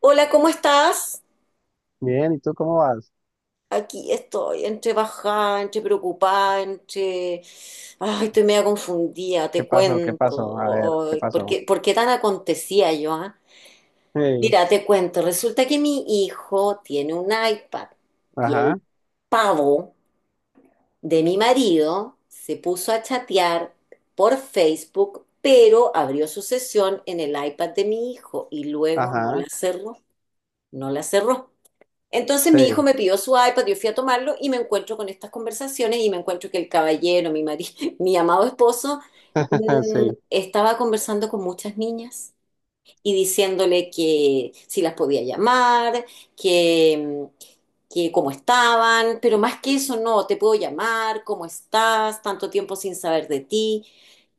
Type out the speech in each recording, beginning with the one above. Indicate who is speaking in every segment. Speaker 1: Hola, ¿cómo estás?
Speaker 2: Bien, ¿y tú cómo vas?
Speaker 1: Aquí estoy, entre bajada, entre preocupada, entre... Ay, estoy media confundida,
Speaker 2: ¿Qué
Speaker 1: te
Speaker 2: pasó? ¿Qué pasó? A ver,
Speaker 1: cuento.
Speaker 2: ¿qué
Speaker 1: Ay, ¿por
Speaker 2: pasó?
Speaker 1: qué, por qué tan acontecía yo, ah?
Speaker 2: Sí,
Speaker 1: Mira, te cuento. Resulta que mi hijo tiene un iPad y
Speaker 2: ajá,
Speaker 1: el pavo de mi marido se puso a chatear por Facebook, pero abrió su sesión en el iPad de mi hijo y luego no
Speaker 2: ajá,
Speaker 1: la cerró, no la cerró. Entonces mi hijo
Speaker 2: sí,
Speaker 1: me pidió su iPad, yo fui a tomarlo y me encuentro con estas conversaciones y me encuentro que el caballero, mi amado esposo,
Speaker 2: sí.
Speaker 1: estaba conversando con muchas niñas y diciéndole que si las podía llamar, que, mm, que cómo estaban, pero más que eso, no, te puedo llamar, cómo estás, tanto tiempo sin saber de ti,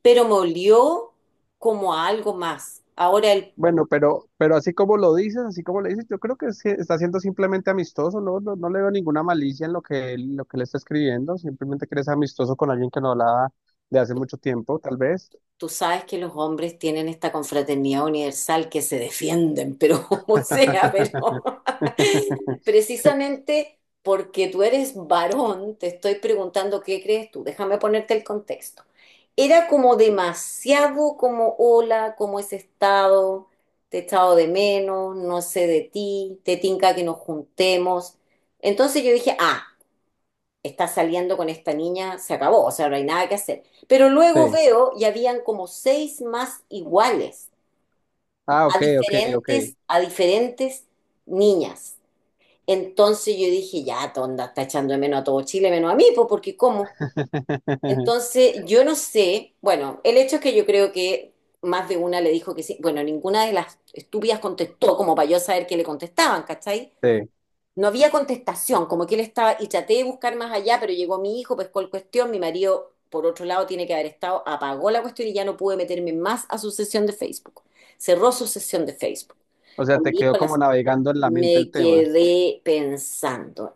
Speaker 1: pero me olió como a algo más. Ahora él
Speaker 2: Bueno, pero así como lo dices, así como le dices, yo creo que sí está siendo simplemente amistoso, ¿no? No, no le veo ninguna malicia en lo que lo que le está escribiendo, simplemente que eres amistoso con alguien que no hablaba de hace mucho tiempo, tal vez.
Speaker 1: Tú sabes que los hombres tienen esta confraternidad universal que se defienden, pero como sea, pero precisamente porque tú eres varón, te estoy preguntando qué crees tú. Déjame ponerte el contexto. Era como demasiado como hola, cómo has estado, te he echado de menos, no sé de ti, te tinca que nos juntemos. Entonces yo dije, ah, está saliendo con esta niña, se acabó, o sea, no hay nada que hacer. Pero luego
Speaker 2: Sí.
Speaker 1: veo y habían como seis más iguales
Speaker 2: Ah,
Speaker 1: a
Speaker 2: ok, ok, ok.
Speaker 1: diferentes, a diferentes niñas. Entonces yo dije, ya, tonda, está echando de menos a todo Chile, menos a mí, pues porque ¿cómo? Entonces yo no sé, bueno, el hecho es que yo creo que más de una le dijo que sí, bueno, ninguna de las estúpidas contestó como para yo saber qué le contestaban, ¿cachai?
Speaker 2: Sí.
Speaker 1: No había contestación, como que él estaba, y traté de buscar más allá, pero llegó mi hijo, pescó el cuestión, mi marido, por otro lado, tiene que haber estado, apagó la cuestión y ya no pude meterme más a su sesión de Facebook. Cerró su sesión de Facebook.
Speaker 2: O
Speaker 1: O
Speaker 2: sea, te
Speaker 1: mi
Speaker 2: quedó
Speaker 1: hijo la-
Speaker 2: como navegando en la mente el
Speaker 1: Me
Speaker 2: tema.
Speaker 1: quedé pensando.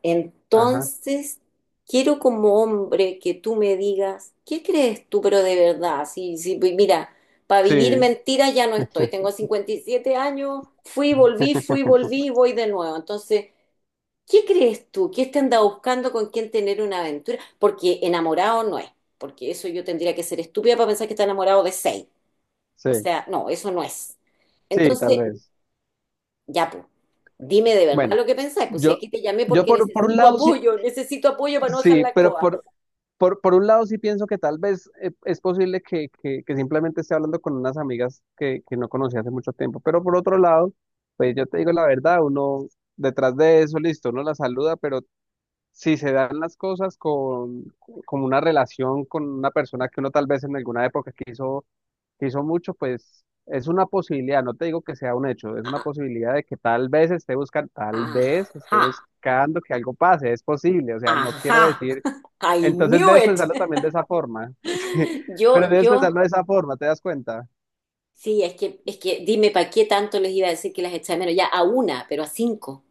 Speaker 2: Ajá.
Speaker 1: Entonces, quiero como hombre que tú me digas, ¿qué crees tú, pero de verdad? Si, si, Pues mira, para vivir
Speaker 2: Sí.
Speaker 1: mentiras ya no estoy. Tengo 57 años, fui, volví, y voy de nuevo. Entonces, ¿qué crees tú? ¿Qué te anda buscando con quién tener una aventura? Porque enamorado no es, porque eso yo tendría que ser estúpida para pensar que está enamorado de seis. O
Speaker 2: Sí,
Speaker 1: sea, no, eso no es.
Speaker 2: sí, tal
Speaker 1: Entonces,
Speaker 2: vez.
Speaker 1: ya pues, dime de verdad
Speaker 2: Bueno,
Speaker 1: lo que pensás, pues si
Speaker 2: yo,
Speaker 1: aquí te llamé
Speaker 2: yo
Speaker 1: porque
Speaker 2: por, por un lado sí,
Speaker 1: necesito apoyo para no dejar
Speaker 2: sí,
Speaker 1: la
Speaker 2: pero
Speaker 1: coa.
Speaker 2: por, por, por un lado sí pienso que tal vez es posible que simplemente esté hablando con unas amigas que no conocí hace mucho tiempo, pero por otro lado, pues yo te digo la verdad, uno detrás de eso, listo, uno la saluda, pero si se dan las cosas con una relación con una persona que uno tal vez en alguna época quiso. Si son muchos, pues es una posibilidad, no te digo que sea un hecho, es una
Speaker 1: Ah,
Speaker 2: posibilidad de que tal vez esté buscando, tal vez esté
Speaker 1: ajá,
Speaker 2: buscando que algo pase, es posible, o sea, no quiero
Speaker 1: ajá,
Speaker 2: decir,
Speaker 1: I
Speaker 2: entonces
Speaker 1: knew
Speaker 2: debes
Speaker 1: it.
Speaker 2: pensarlo también de esa forma, sí, pero
Speaker 1: Yo,
Speaker 2: debes
Speaker 1: yo,
Speaker 2: pensarlo de esa forma, ¿te das cuenta?
Speaker 1: sí, es que dime para qué tanto les iba a decir que las echa de menos, ya a una, pero a cinco.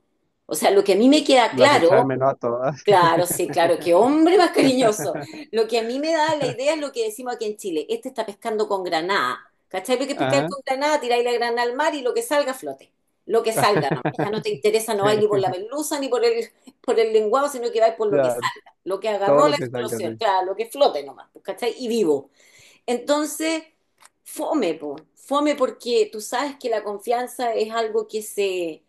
Speaker 1: O sea, lo que a mí me queda
Speaker 2: Las echa de
Speaker 1: claro.
Speaker 2: menos a todas.
Speaker 1: Claro, sí, claro, qué hombre más cariñoso. Lo que a mí me da la idea es lo que decimos aquí en Chile. Este está pescando con granada. ¿Cachai? Porque pescar
Speaker 2: Ajá,
Speaker 1: con granada, tiráis la granada al mar y lo que salga flote. Lo que salga, nomás. Ya no te interesa, no
Speaker 2: sí,
Speaker 1: vais ni por la merluza ni por el, por el lenguado, sino que vais por lo que
Speaker 2: ya,
Speaker 1: salga. Lo que
Speaker 2: todo
Speaker 1: agarró
Speaker 2: lo
Speaker 1: la
Speaker 2: que salga,
Speaker 1: explosión,
Speaker 2: sí.
Speaker 1: claro, lo que flote nomás, pues, ¿cachai? Y vivo. Entonces, fome, po. Fome porque tú sabes que la confianza es algo que se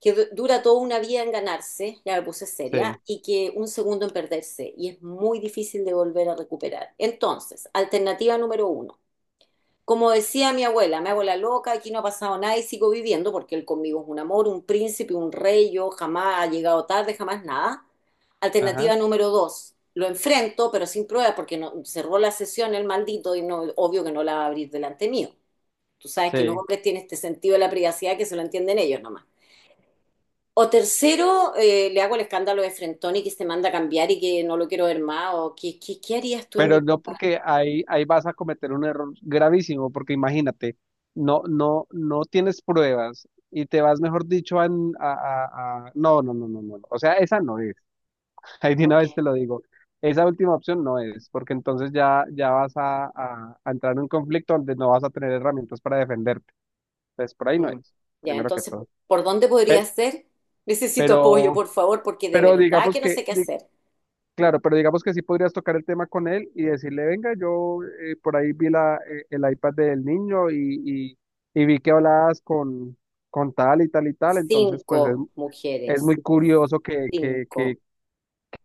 Speaker 1: dura toda una vida en ganarse, ya me puse seria,
Speaker 2: Sí,
Speaker 1: y que un segundo en perderse, y es muy difícil de volver a recuperar. Entonces, alternativa número uno. Como decía mi abuela, me hago la loca, aquí no ha pasado nada y sigo viviendo porque él conmigo es un amor, un príncipe, un rey, yo jamás ha llegado tarde, jamás nada.
Speaker 2: ajá,
Speaker 1: Alternativa número dos, lo enfrento, pero sin prueba porque no, cerró la sesión el maldito y no, obvio que no la va a abrir delante mío. Tú sabes que los
Speaker 2: sí.
Speaker 1: hombres tienen este sentido de la privacidad que se lo entienden ellos nomás. O tercero, le hago el escándalo de Frentoni que se manda a cambiar y que no lo quiero ver más. O, ¿qué harías tú en
Speaker 2: Pero
Speaker 1: mi...?
Speaker 2: no porque ahí, ahí vas a cometer un error gravísimo, porque imagínate, no, no, no tienes pruebas y te vas, mejor dicho, No, no, no, no, no. O sea, esa no es. Ahí de
Speaker 1: ¿Por
Speaker 2: una vez
Speaker 1: qué?
Speaker 2: te lo digo. Esa última opción no es, porque entonces ya, ya vas a entrar en un conflicto donde no vas a tener herramientas para defenderte. Entonces, por ahí no es,
Speaker 1: Mm. Ya,
Speaker 2: primero que
Speaker 1: entonces,
Speaker 2: todo.
Speaker 1: ¿por dónde podría
Speaker 2: Pe-
Speaker 1: ser? Necesito apoyo,
Speaker 2: Pero,
Speaker 1: por favor, porque de
Speaker 2: pero
Speaker 1: verdad
Speaker 2: digamos
Speaker 1: que no
Speaker 2: que,
Speaker 1: sé qué hacer.
Speaker 2: claro, pero digamos que sí podrías tocar el tema con él y decirle, venga, yo por ahí vi el iPad del niño y, y vi que hablabas con tal y tal y tal, entonces pues
Speaker 1: Cinco
Speaker 2: es
Speaker 1: mujeres.
Speaker 2: muy curioso
Speaker 1: Cinco.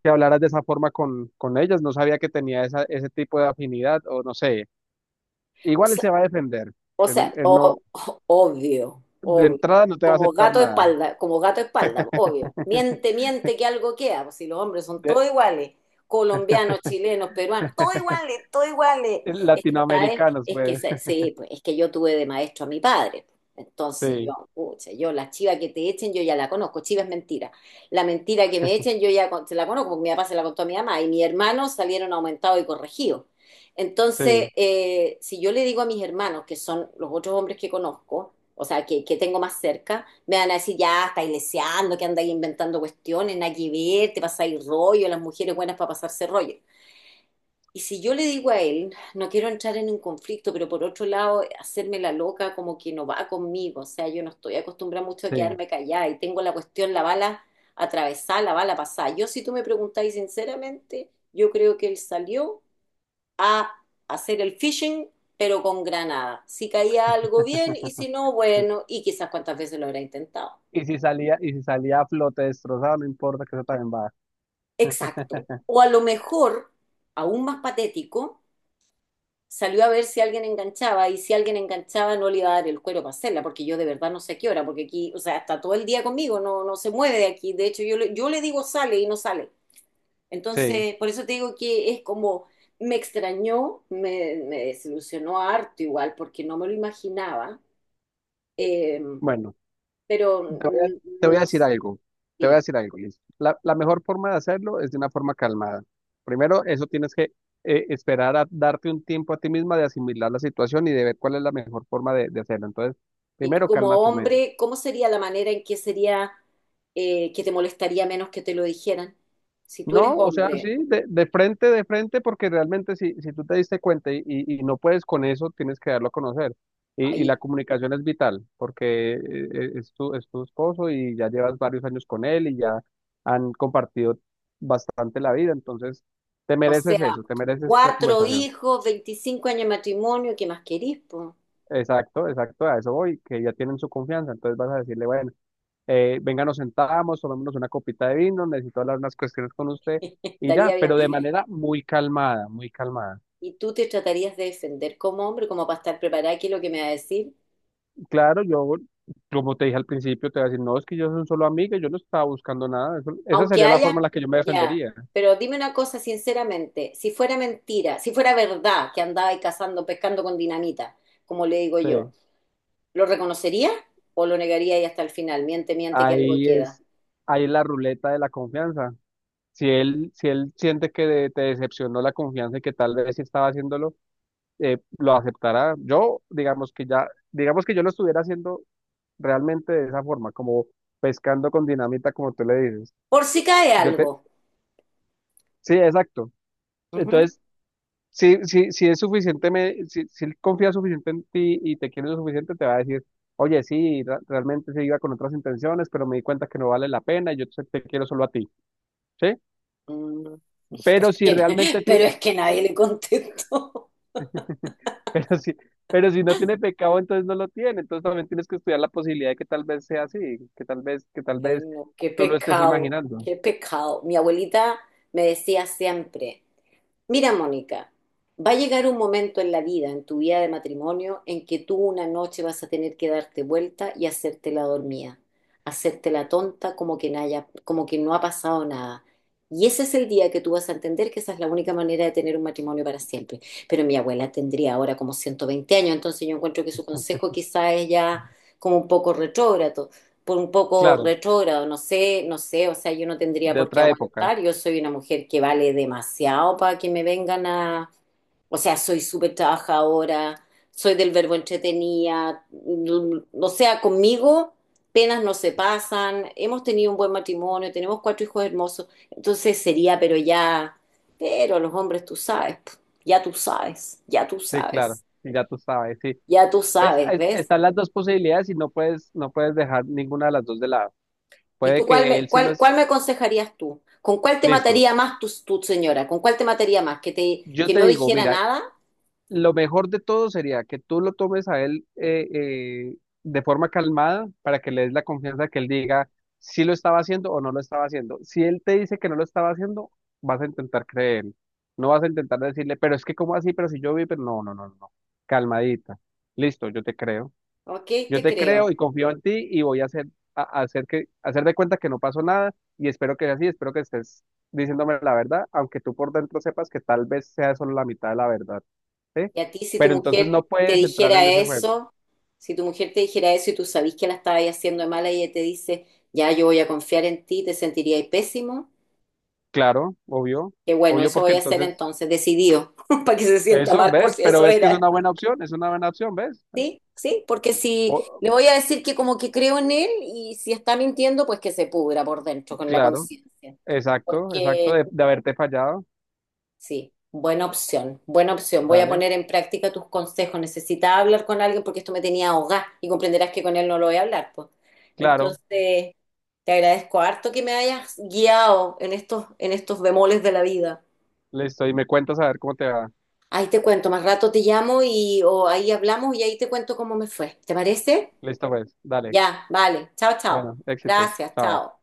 Speaker 2: que hablaras de esa forma con ellas, no sabía que tenía esa, ese tipo de afinidad o no sé,
Speaker 1: O
Speaker 2: igual él
Speaker 1: sea,
Speaker 2: se va a defender,
Speaker 1: O
Speaker 2: él,
Speaker 1: sea,
Speaker 2: él
Speaker 1: o-
Speaker 2: no,
Speaker 1: obvio,
Speaker 2: de
Speaker 1: obvio.
Speaker 2: entrada no te va a
Speaker 1: Como
Speaker 2: aceptar
Speaker 1: gato de
Speaker 2: nada,
Speaker 1: espalda, como gato de espalda, obvio. Miente, miente que algo queda, pues si los hombres son
Speaker 2: de,
Speaker 1: todos iguales, colombianos, chilenos, peruanos, todos iguales, todos iguales. Es que, ¿saben?
Speaker 2: latinoamericanos
Speaker 1: Es que,
Speaker 2: pues,
Speaker 1: sí, pues es que yo tuve de maestro a mi padre. Entonces yo,
Speaker 2: sí,
Speaker 1: pucha, yo la chiva que te echen, yo ya la conozco, chiva es mentira. La mentira que me echen, yo ya se la conozco, porque mi papá se la contó a mi mamá y mis hermanos salieron aumentados y corregidos. Entonces,
Speaker 2: sí,
Speaker 1: si yo le digo a mis hermanos, que son los otros hombres que conozco, o sea, que tengo más cerca, me van a decir, ya, estáis leseando, que andáis inventando cuestiones, nada que ver, te pasáis rollo, las mujeres buenas para pasarse rollo. Y si yo le digo a él, no quiero entrar en un conflicto, pero por otro lado, hacerme la loca como que no va conmigo, o sea, yo no estoy acostumbrada mucho a
Speaker 2: sí.
Speaker 1: quedarme callada y tengo la cuestión, la bala atravesada, la bala pasada. Yo, si tú me preguntáis sinceramente, yo creo que él salió hacer el phishing, pero con granada. Si caía algo bien y si no, bueno, y quizás cuántas veces lo habrá intentado.
Speaker 2: Y si salía a flote destrozado, no importa que eso también va.
Speaker 1: Exacto. O a lo mejor, aún más patético, salió a ver si alguien enganchaba y si alguien enganchaba no le iba a dar el cuero para hacerla, porque yo de verdad no sé a qué hora, porque aquí, o sea, está todo el día conmigo, no, no se mueve de aquí. De hecho, yo le digo sale y no sale.
Speaker 2: Sí,
Speaker 1: Entonces, por eso te digo que es como, me extrañó, me desilusionó harto igual, porque no me lo imaginaba. Eh,
Speaker 2: bueno,
Speaker 1: pero
Speaker 2: te voy a, te voy a
Speaker 1: no
Speaker 2: decir
Speaker 1: sé,
Speaker 2: algo, te voy a
Speaker 1: dime.
Speaker 2: decir algo, Liz. La mejor forma de hacerlo es de una forma calmada. Primero, eso tienes que esperar a darte un tiempo a ti misma de asimilar la situación y de ver cuál es la mejor forma de hacerlo. Entonces,
Speaker 1: Y tú
Speaker 2: primero
Speaker 1: como
Speaker 2: calma tu mente.
Speaker 1: hombre, ¿cómo sería la manera en que sería que te molestaría menos que te lo dijeran? Si tú eres
Speaker 2: No, o sea,
Speaker 1: hombre,
Speaker 2: sí, de frente, porque realmente si tú te diste cuenta y no puedes con eso, tienes que darlo a conocer. Y la
Speaker 1: ay,
Speaker 2: comunicación es vital, porque es es tu esposo y ya llevas varios años con él y ya han compartido bastante la vida, entonces te
Speaker 1: o
Speaker 2: mereces
Speaker 1: sea,
Speaker 2: eso, te mereces esa
Speaker 1: cuatro
Speaker 2: conversación.
Speaker 1: hijos, 25 años de matrimonio, ¿qué más querís, po?
Speaker 2: Exacto, exacto, a eso voy, que ya tienen su confianza, entonces vas a decirle, bueno, venga, nos sentamos, tomémonos una copita de vino, necesito hablar unas cuestiones con usted y ya,
Speaker 1: Estaría bien.
Speaker 2: pero de manera muy calmada, muy calmada.
Speaker 1: Y tú te tratarías de defender como hombre, como para estar preparada, ¿qué es lo que me va a decir?
Speaker 2: Claro, yo, como te dije al principio, te voy a decir, no, es que yo soy un solo amigo, yo no estaba buscando nada. Esa
Speaker 1: Aunque
Speaker 2: sería la forma
Speaker 1: haya,
Speaker 2: en la que yo me
Speaker 1: ya.
Speaker 2: defendería.
Speaker 1: Pero dime una cosa sinceramente, si fuera mentira, si fuera verdad que andaba ahí cazando, pescando con dinamita, como le digo yo,
Speaker 2: Sí.
Speaker 1: ¿lo reconocería o lo negaría y hasta el final? Miente, miente que algo
Speaker 2: Ahí
Speaker 1: queda.
Speaker 2: es, Ahí es la ruleta de la confianza. Si él siente que te decepcionó la confianza y que tal vez sí estaba haciéndolo, lo aceptará. Yo, digamos que ya, digamos que yo lo estuviera haciendo realmente de esa forma, como pescando con dinamita, como tú le dices.
Speaker 1: Por si cae
Speaker 2: Yo te,
Speaker 1: algo.
Speaker 2: sí, exacto.
Speaker 1: Ujú.
Speaker 2: Entonces, si es suficiente, si él confía suficiente en ti y te quiere lo suficiente, te va a decir, oye, sí, realmente se iba con otras intenciones, pero me di cuenta que no vale la pena y te quiero solo a ti, ¿sí?
Speaker 1: Mm, pero es
Speaker 2: Pero si
Speaker 1: que,
Speaker 2: realmente
Speaker 1: pero
Speaker 2: tiene,
Speaker 1: es que
Speaker 2: sí,
Speaker 1: nadie le contestó.
Speaker 2: pero si, pero si no tiene pecado, entonces no lo tiene. Entonces también tienes que estudiar la posibilidad de que tal vez sea así, que tal
Speaker 1: Ay,
Speaker 2: vez
Speaker 1: no, qué
Speaker 2: tú lo estés
Speaker 1: pecado,
Speaker 2: imaginando.
Speaker 1: qué pecado. Mi abuelita me decía siempre. Mira, Mónica, va a llegar un momento en la vida, en tu vida de matrimonio, en que tú una noche vas a tener que darte vuelta y hacerte la dormida, hacerte la tonta como que, como que no ha pasado nada. Y ese es el día que tú vas a entender que esa es la única manera de tener un matrimonio para siempre. Pero mi abuela tendría ahora como 120 años, entonces yo encuentro que su consejo quizá es ya como un poco retrógrado por un poco
Speaker 2: Claro,
Speaker 1: retrógrado, no sé, no sé, o sea, yo no tendría
Speaker 2: de
Speaker 1: por qué
Speaker 2: otra época.
Speaker 1: aguantar, yo soy una mujer que vale demasiado para que me vengan a, o sea, soy súper trabajadora, soy del verbo entretenida, o sea, conmigo penas no se pasan, hemos tenido un buen matrimonio, tenemos cuatro hijos hermosos, entonces sería, pero ya, pero los hombres tú sabes, po, ya tú sabes, ya tú
Speaker 2: Sí, claro,
Speaker 1: sabes,
Speaker 2: y ya tú sabes, sí.
Speaker 1: ya tú
Speaker 2: Pues
Speaker 1: sabes, ¿ves?
Speaker 2: están las dos posibilidades y no puedes, no puedes dejar ninguna de las dos de lado.
Speaker 1: ¿Y
Speaker 2: Puede
Speaker 1: tú cuál
Speaker 2: que él
Speaker 1: me,
Speaker 2: sí lo
Speaker 1: cuál,
Speaker 2: es.
Speaker 1: cuál me aconsejarías tú? ¿Con cuál te
Speaker 2: Listo.
Speaker 1: mataría más tu señora? ¿Con cuál te mataría más? ¿Que te,
Speaker 2: Yo
Speaker 1: que
Speaker 2: te
Speaker 1: no
Speaker 2: digo,
Speaker 1: dijera
Speaker 2: mira,
Speaker 1: nada?
Speaker 2: lo mejor de todo sería que tú lo tomes a él de forma calmada para que le des la confianza que él diga si lo estaba haciendo o no lo estaba haciendo. Si él te dice que no lo estaba haciendo, vas a intentar creer. No vas a intentar decirle, pero es que, ¿cómo así? Pero si yo vi, pero no, no, no, no". Calmadita. Listo, yo te creo.
Speaker 1: Ok,
Speaker 2: Yo
Speaker 1: te
Speaker 2: te
Speaker 1: creo.
Speaker 2: creo y confío en ti y a hacer que, hacer de cuenta que no pasó nada y espero que sea así, espero que estés diciéndome la verdad, aunque tú por dentro sepas que tal vez sea solo la mitad de la verdad, ¿sí?
Speaker 1: Y a ti, si tu
Speaker 2: Pero entonces
Speaker 1: mujer
Speaker 2: no
Speaker 1: te
Speaker 2: puedes entrar
Speaker 1: dijera
Speaker 2: en ese juego.
Speaker 1: eso, si tu mujer te dijera eso y tú sabís que la estabas haciendo de mala y ella te dice, ya yo voy a confiar en ti, te sentirías pésimo.
Speaker 2: Claro, obvio,
Speaker 1: Que bueno,
Speaker 2: obvio
Speaker 1: eso
Speaker 2: porque
Speaker 1: voy a hacer
Speaker 2: entonces
Speaker 1: entonces, decidido, para que se sienta
Speaker 2: eso,
Speaker 1: mal por
Speaker 2: ¿ves?
Speaker 1: si
Speaker 2: Pero
Speaker 1: eso
Speaker 2: ves que es
Speaker 1: era.
Speaker 2: una buena opción, es una buena opción, ¿ves?
Speaker 1: Sí, sí, porque si
Speaker 2: Po-
Speaker 1: le voy a decir que como que creo en él y si está mintiendo, pues que se pudra por dentro con la
Speaker 2: claro,
Speaker 1: conciencia.
Speaker 2: exacto, exacto,
Speaker 1: Porque
Speaker 2: de haberte fallado.
Speaker 1: sí, buena opción, buena opción. Voy a
Speaker 2: Dale,
Speaker 1: poner en práctica tus consejos. Necesitaba hablar con alguien porque esto me tenía ahogada y comprenderás que con él no lo voy a hablar, pues.
Speaker 2: claro,
Speaker 1: Entonces, te agradezco harto que me hayas guiado en estos bemoles de la vida.
Speaker 2: listo, y me cuentas a ver cómo te va.
Speaker 1: Ahí te cuento, más rato te llamo y o ahí hablamos y ahí te cuento cómo me fue. ¿Te parece?
Speaker 2: Listo, pues, dale.
Speaker 1: Ya, vale. Chao, chao.
Speaker 2: Bueno, éxitos.
Speaker 1: Gracias,
Speaker 2: Chao.
Speaker 1: chao.